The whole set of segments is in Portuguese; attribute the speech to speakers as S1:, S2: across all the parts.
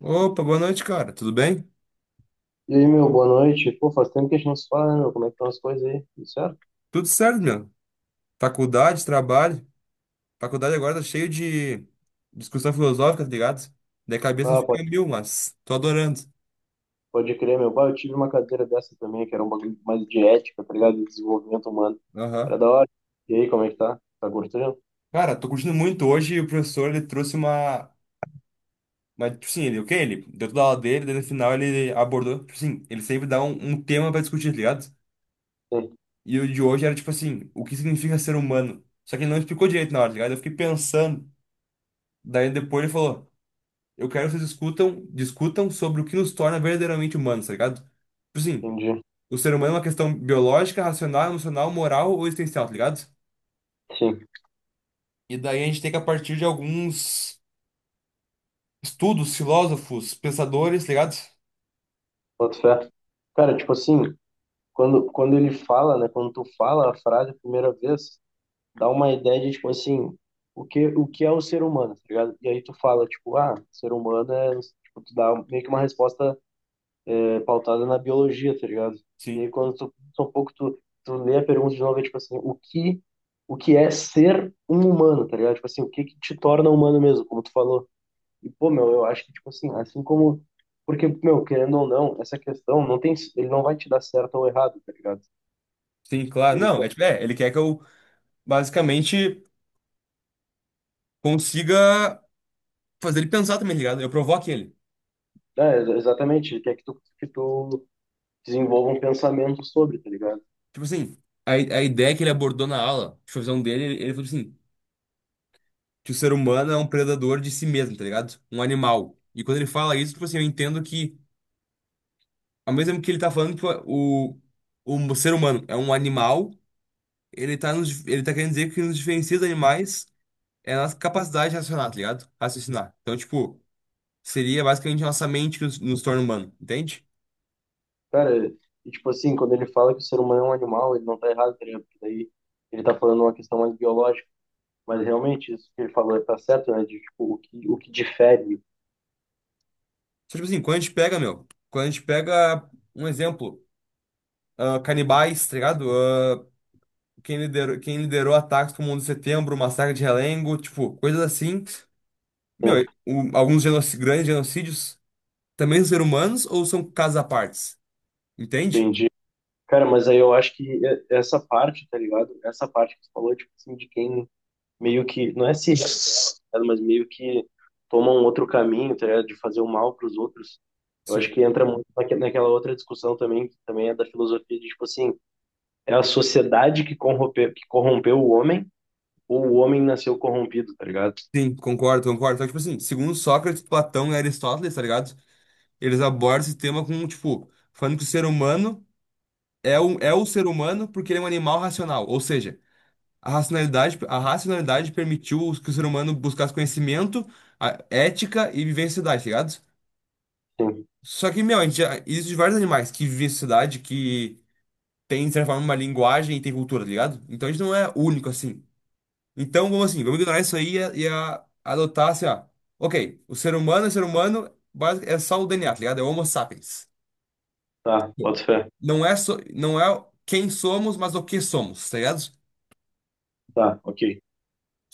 S1: Opa, boa noite, cara. Tudo bem?
S2: E aí, meu, boa noite. Pô, faz tempo que a gente não se fala, né, meu? Como é que estão as coisas aí? Tudo certo?
S1: Tudo certo, meu. Faculdade, trabalho. Faculdade agora tá cheio de discussão filosófica, tá ligado? Daí a cabeça
S2: Ah, pode,
S1: fica em mil, mas tô adorando.
S2: pode crer, meu. Pai, eu tive uma cadeira dessa também, que era um bagulho mais de ética, tá ligado? De desenvolvimento humano. Era
S1: Aham.
S2: da hora. E aí, como é que tá? Tá gostando?
S1: Cara, tô curtindo muito. Hoje o professor, ele trouxe uma tipo assim, o quê? Ele deu toda a aula dele, daí no final ele abordou... Tipo assim, ele sempre dá um tema pra discutir, tá ligado?
S2: Sim,
S1: E o de hoje era tipo assim, o que significa ser humano? Só que ele não explicou direito na hora, tá ligado? Eu fiquei pensando. Daí depois ele falou... Eu quero que vocês discutam sobre o que nos torna verdadeiramente humanos, tá ligado? Tipo assim,
S2: entendi.
S1: o ser humano é uma questão biológica, racional, emocional, moral ou existencial, tá ligado?
S2: Sim,
S1: E daí a gente tem que, a partir de alguns estudos, filósofos, pensadores, tá ligado?
S2: boto fé. Cara, tipo assim, quando ele fala, né? Quando tu fala a frase a primeira vez, dá uma ideia de, tipo assim, o que é o ser humano, tá ligado? E aí tu fala, tipo, ah, ser humano é... Tipo, tu dá meio que uma resposta é, pautada na biologia, tá ligado? E
S1: Sim.
S2: aí quando tu um pouco tu lê a pergunta de novo, é tipo assim, o que é ser um humano, tá ligado? Tipo assim, o que que te torna humano mesmo, como tu falou. E pô, meu, eu acho que tipo assim, assim como porque, meu, querendo ou não, essa questão não tem, ele não vai te dar certo ou errado, tá ligado?
S1: Sim, claro.
S2: Ele
S1: Não,
S2: quer,
S1: é tipo, é, ele quer que eu basicamente consiga fazer ele pensar também, tá ligado? Eu provoque ele.
S2: é, exatamente, ele quer que tu desenvolva um pensamento sobre, tá ligado?
S1: Tipo assim, a ideia que ele abordou na aula, tipo, a visão dele, ele falou assim. Que o ser humano é um predador de si mesmo, tá ligado? Um animal. E quando ele fala isso, tipo assim, eu entendo que, ao mesmo tempo que ele tá falando que o, o ser humano é um animal, ele tá, ele tá querendo dizer que nos diferencia dos animais é a nossa capacidade de racionar, tá ligado? Raciocinar. Então, tipo, seria basicamente a nossa mente que nos, nos torna humano, entende?
S2: Cara, e tipo assim, quando ele fala que o ser humano é um animal, ele não tá errado, tá ligado? Porque daí ele tá falando uma questão mais biológica. Mas realmente, isso que ele falou tá certo, né? De, tipo, o que difere.
S1: Só, tipo assim, quando a gente pega, meu, quando a gente pega um exemplo, ah, canibais, tá ligado? Ah, quem liderou ataques como o 11 de setembro, o massacre de Realengo, tipo, coisas assim.
S2: Né?
S1: Meu, grandes genocídios também são seres humanos ou são casos à partes? Entende?
S2: Entendi. Cara, mas aí eu acho que essa parte, tá ligado? Essa parte que você falou, tipo assim, de quem meio que, não é se rebela, tá ligado? Mas meio que toma um outro caminho, tá ligado? De fazer o mal pros outros. Eu acho
S1: Sim.
S2: que entra muito naquela outra discussão também, que também é da filosofia, de tipo assim, é a sociedade que corrompeu o homem, ou o homem nasceu corrompido, tá ligado?
S1: Sim, concordo, concordo. Então, tipo assim, segundo Sócrates, Platão e Aristóteles, tá ligado? Eles abordam esse tema com, tipo, falando que o ser humano é o ser humano porque ele é um animal racional. Ou seja, a racionalidade permitiu que o ser humano buscasse conhecimento, ética e viver em sociedade, tá ligado?
S2: Sim,
S1: Só que, meu, a gente já, existe vários animais que vivem em sociedade, que tem, de certa forma, uma linguagem e tem cultura, tá ligado? Então a gente não é único assim. Então, vamos assim, vamos ignorar isso aí e adotar assim, ó. Ok, o ser humano é ser humano, é só o DNA, tá ligado? É o Homo sapiens.
S2: tá, boto fé.
S1: Não é quem somos, mas o que somos, tá ligado?
S2: Tá, ok.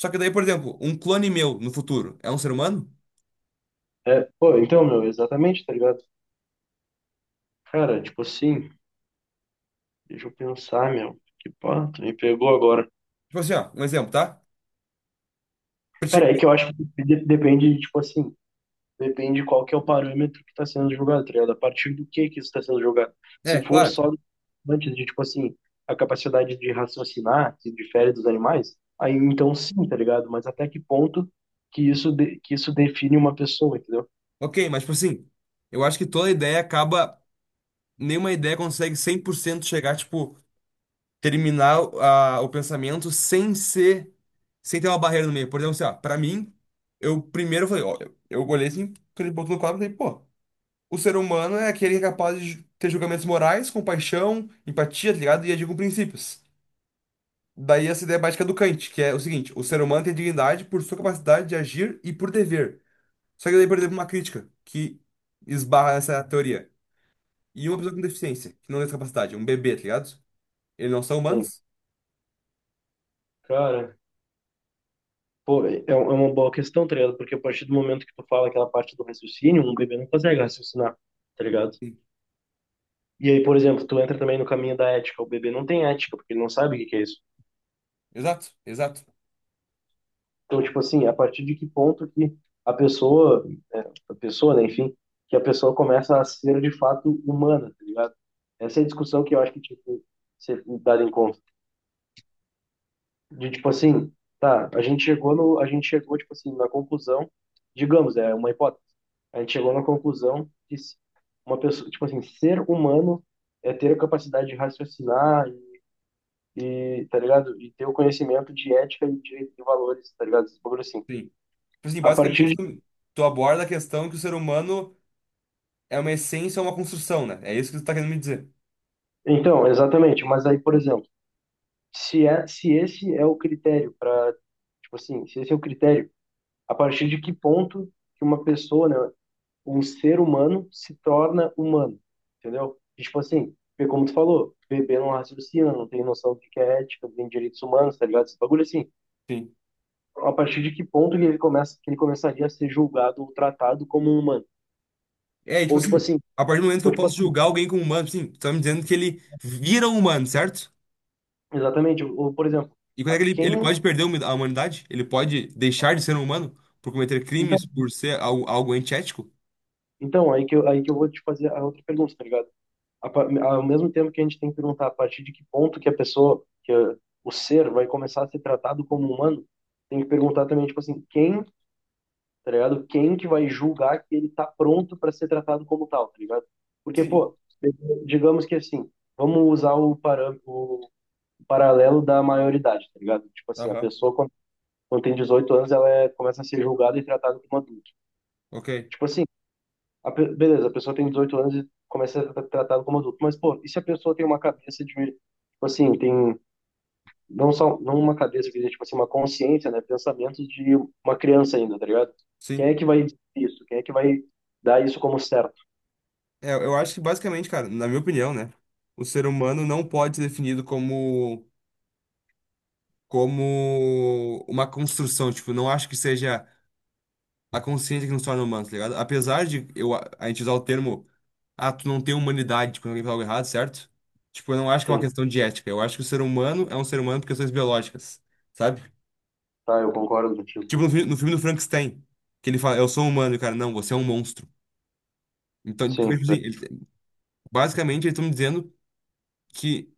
S1: Só que daí, por exemplo, um clone meu no futuro é um ser humano?
S2: É, pô, então, meu, exatamente, tá ligado? Cara, tipo assim, deixa eu pensar, meu. Que pá, tu me pegou agora.
S1: Tipo assim, ó, um exemplo, tá? Pra ti-
S2: Cara, é que eu acho que depende, tipo assim, depende qual que é o parâmetro que tá sendo julgado, tá ligado? A partir do que isso tá sendo julgado. Se
S1: É,
S2: for
S1: claro.
S2: só antes de, tipo assim, a capacidade de raciocinar, que difere dos animais, aí então sim, tá ligado? Mas até que ponto que isso, que isso define uma pessoa, entendeu?
S1: Ok, mas tipo assim, eu acho que toda ideia acaba. Nenhuma ideia consegue 100% chegar, tipo. Terminar a, o pensamento sem ser, sem ter uma barreira no meio. Por exemplo, assim, ó, pra mim, eu primeiro falei, ó, eu olhei assim, aquele ponto no quadro e falei, pô, o ser humano é aquele que é capaz de ter julgamentos morais, compaixão, empatia, tá ligado? E agir com princípios. Daí essa ideia básica do Kant, que é o seguinte, o ser humano tem dignidade por sua capacidade de agir e por dever. Só que daí, por exemplo, uma crítica que esbarra nessa teoria. E uma pessoa com deficiência, que não tem essa capacidade, um bebê, tá ligado? Eles não são
S2: Sim.
S1: humanos?
S2: Cara. Pô, é um, é uma boa questão, tá ligado? Porque a partir do momento que tu fala aquela parte do raciocínio, um bebê não consegue raciocinar, tá ligado?
S1: Sim.
S2: E aí, por exemplo, tu entra também no caminho da ética. O bebê não tem ética, porque ele não sabe o que que é isso.
S1: Exato, exato.
S2: Então, tipo assim, a partir de que ponto que a pessoa, a pessoa, né, enfim, que a pessoa começa a ser de fato humana, tá ligado? Essa é a discussão que eu acho que tinha que ser dada em conta. De tipo assim, tá, a gente chegou no, a gente chegou tipo assim na conclusão, digamos, é uma hipótese. A gente chegou na conclusão que uma pessoa, tipo assim, ser humano é ter a capacidade de raciocinar e, tá ligado? E ter o conhecimento de ética e de valores, tá ligado? Esse bagulho assim.
S1: Sim. Tipo assim,
S2: A partir
S1: basicamente,
S2: de,
S1: tu, tu aborda a questão que o ser humano é uma essência, é uma construção, né? É isso que tu tá querendo me dizer.
S2: então, exatamente, mas aí, por exemplo, se esse é o critério para, tipo assim, se esse é o critério, a partir de que ponto que uma pessoa, né, um ser humano se torna humano, entendeu? E, tipo assim, porque como tu falou, bebê não raciocina, não tem noção do que é ética, não tem direitos humanos, tá ligado? Esse bagulho assim,
S1: Sim.
S2: a partir de que ponto que ele começa, que ele começaria a ser julgado ou tratado como um humano?
S1: É, e, tipo
S2: Ou tipo
S1: assim,
S2: assim,
S1: a partir do momento que
S2: ou
S1: eu
S2: tipo
S1: posso
S2: assim,
S1: julgar alguém como humano, tipo assim, tu tá me dizendo que ele vira um humano, certo?
S2: exatamente, ou por exemplo,
S1: E quando é
S2: a-
S1: que ele,
S2: quem
S1: ele pode perder humi- a humanidade? Ele pode deixar de ser um humano por cometer
S2: então,
S1: crimes, por ser algo, algo antiético?
S2: então aí que eu vou te fazer a outra pergunta, tá ligado? Ao mesmo tempo que a gente tem que perguntar a partir de que ponto que a pessoa, que eh, o ser vai começar a ser tratado como humano, tem que perguntar também, tipo assim, quem tá ligado? Quem que vai julgar que ele tá pronto para ser tratado como tal, tá ligado? Porque,
S1: Sim.
S2: pô, digamos que assim, vamos usar o, param o paralelo da maioridade, tá ligado? Tipo assim, a
S1: Aham.
S2: pessoa quando tem 18 anos, ela é, começa a ser julgada e tratada como adulto.
S1: Ok.
S2: Tipo assim, beleza, a pessoa tem 18 anos e começa a ser tratada como adulto, mas, pô, e se a pessoa tem uma cabeça de, tipo assim, tem não só não uma cabeça que tipo assim, uma consciência, né, pensamentos de uma criança ainda, tá ligado? Quem é
S1: Sim.
S2: que vai dizer isso? Quem é que vai dar isso como certo?
S1: É, eu acho que basicamente, cara, na minha opinião, né? O ser humano não pode ser definido como. Como uma construção, tipo, não acho que seja a consciência que nos torna humanos, tá ligado? Apesar de eu, a gente usar o termo, ah, tu não tem humanidade quando alguém fala algo errado, certo? Tipo, eu não acho que é uma
S2: Sim,
S1: questão de ética. Eu acho que o ser humano é um ser humano por questões biológicas, sabe?
S2: tá, eu concordo contigo.
S1: Tipo no, no filme do Frankenstein, que ele fala, eu sou um humano, e o cara, não, você é um monstro. Então, porque,
S2: Sim,
S1: tipo
S2: tô-
S1: assim, ele- basicamente eles estão me dizendo que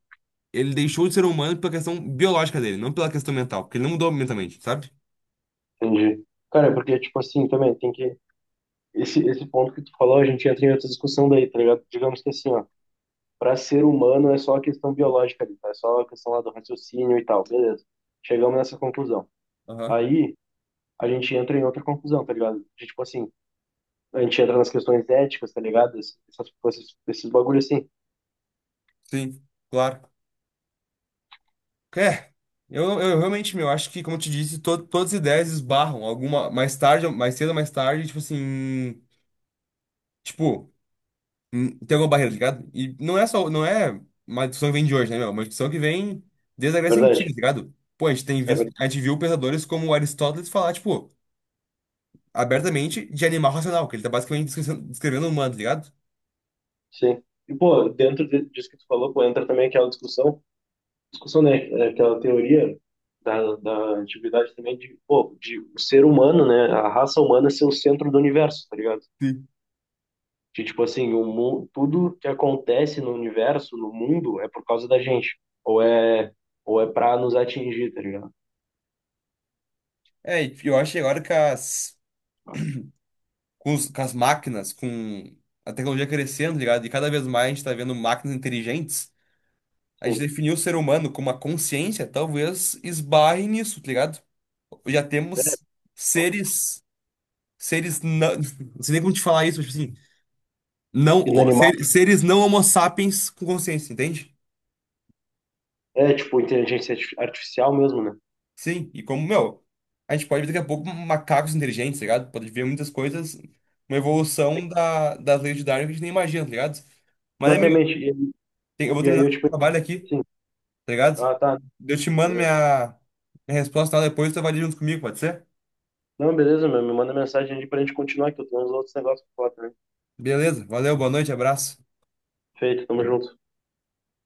S1: ele deixou de ser humano pela questão biológica dele, não pela questão mental, porque ele não mudou mentalmente, sabe?
S2: entendi. Cara, é porque tipo assim, também tem que esse ponto que tu falou, a gente entra em outra discussão daí, tá ligado? Digamos que assim, ó, para ser humano é só a questão biológica ali, tá? É só a questão lá do raciocínio e tal, beleza. Chegamos nessa conclusão.
S1: Aham.
S2: Aí a gente entra em outra conclusão, tá ligado? De, tipo assim, a gente entra nas questões éticas, tá ligado? Esses bagulhos assim,
S1: Sim, claro. É, eu realmente, meu, acho que, como eu te disse, todas as ideias esbarram. Alguma, mais cedo mais tarde, tipo assim. Tipo, tem alguma barreira, tá ligado? E não é só, não é uma discussão que vem de hoje, né, meu? É uma discussão que vem desde a Grécia
S2: verdade.
S1: Antiga, tá ligado? Pô, a gente tem
S2: É
S1: visto,
S2: verdade,
S1: a gente viu pensadores como Aristóteles falar, tipo, abertamente de animal racional, que ele tá basicamente descrevendo o humano, tá ligado?
S2: sim. E, pô, disso que tu falou, pô, entra também aquela discussão, né? É aquela teoria da, da antiguidade também de, pô, de o ser humano, né? A raça humana ser o centro do universo, tá ligado?
S1: Sim.
S2: De, tipo assim, tudo que acontece no universo, no mundo, é por causa da gente. Ou é pra nos atingir, tá ligado?
S1: É, e eu acho que agora que com as máquinas, com a tecnologia crescendo, tá ligado? E cada vez mais a gente tá vendo máquinas inteligentes. A gente
S2: Sim.
S1: definiu o ser humano como uma consciência, talvez esbarre nisso, tá ligado? Já
S2: É,
S1: temos seres, não sei nem como te falar isso, mas tipo assim, não,
S2: inanimado.
S1: seres não homo sapiens com consciência, entende?
S2: É, tipo, inteligência artificial mesmo, né?
S1: Sim, e como, meu, a gente pode ver daqui a pouco macacos inteligentes, tá ligado? Pode ver muitas coisas, uma evolução da, das leis de Darwin que a gente nem imagina, tá ligado? Mas, amigo,
S2: Exatamente.
S1: eu vou
S2: E aí
S1: terminar
S2: eu, tipo,
S1: o trabalho aqui,
S2: assim,
S1: tá ligado?
S2: ah, tá,
S1: Eu te mando
S2: beleza.
S1: minha resposta lá depois, tu avalia junto comigo, pode ser?
S2: Não, beleza, meu, me manda mensagem aí pra gente continuar, que eu tenho uns outros negócios pra falar também.
S1: Beleza, valeu, boa noite, abraço.
S2: Feito, tamo junto.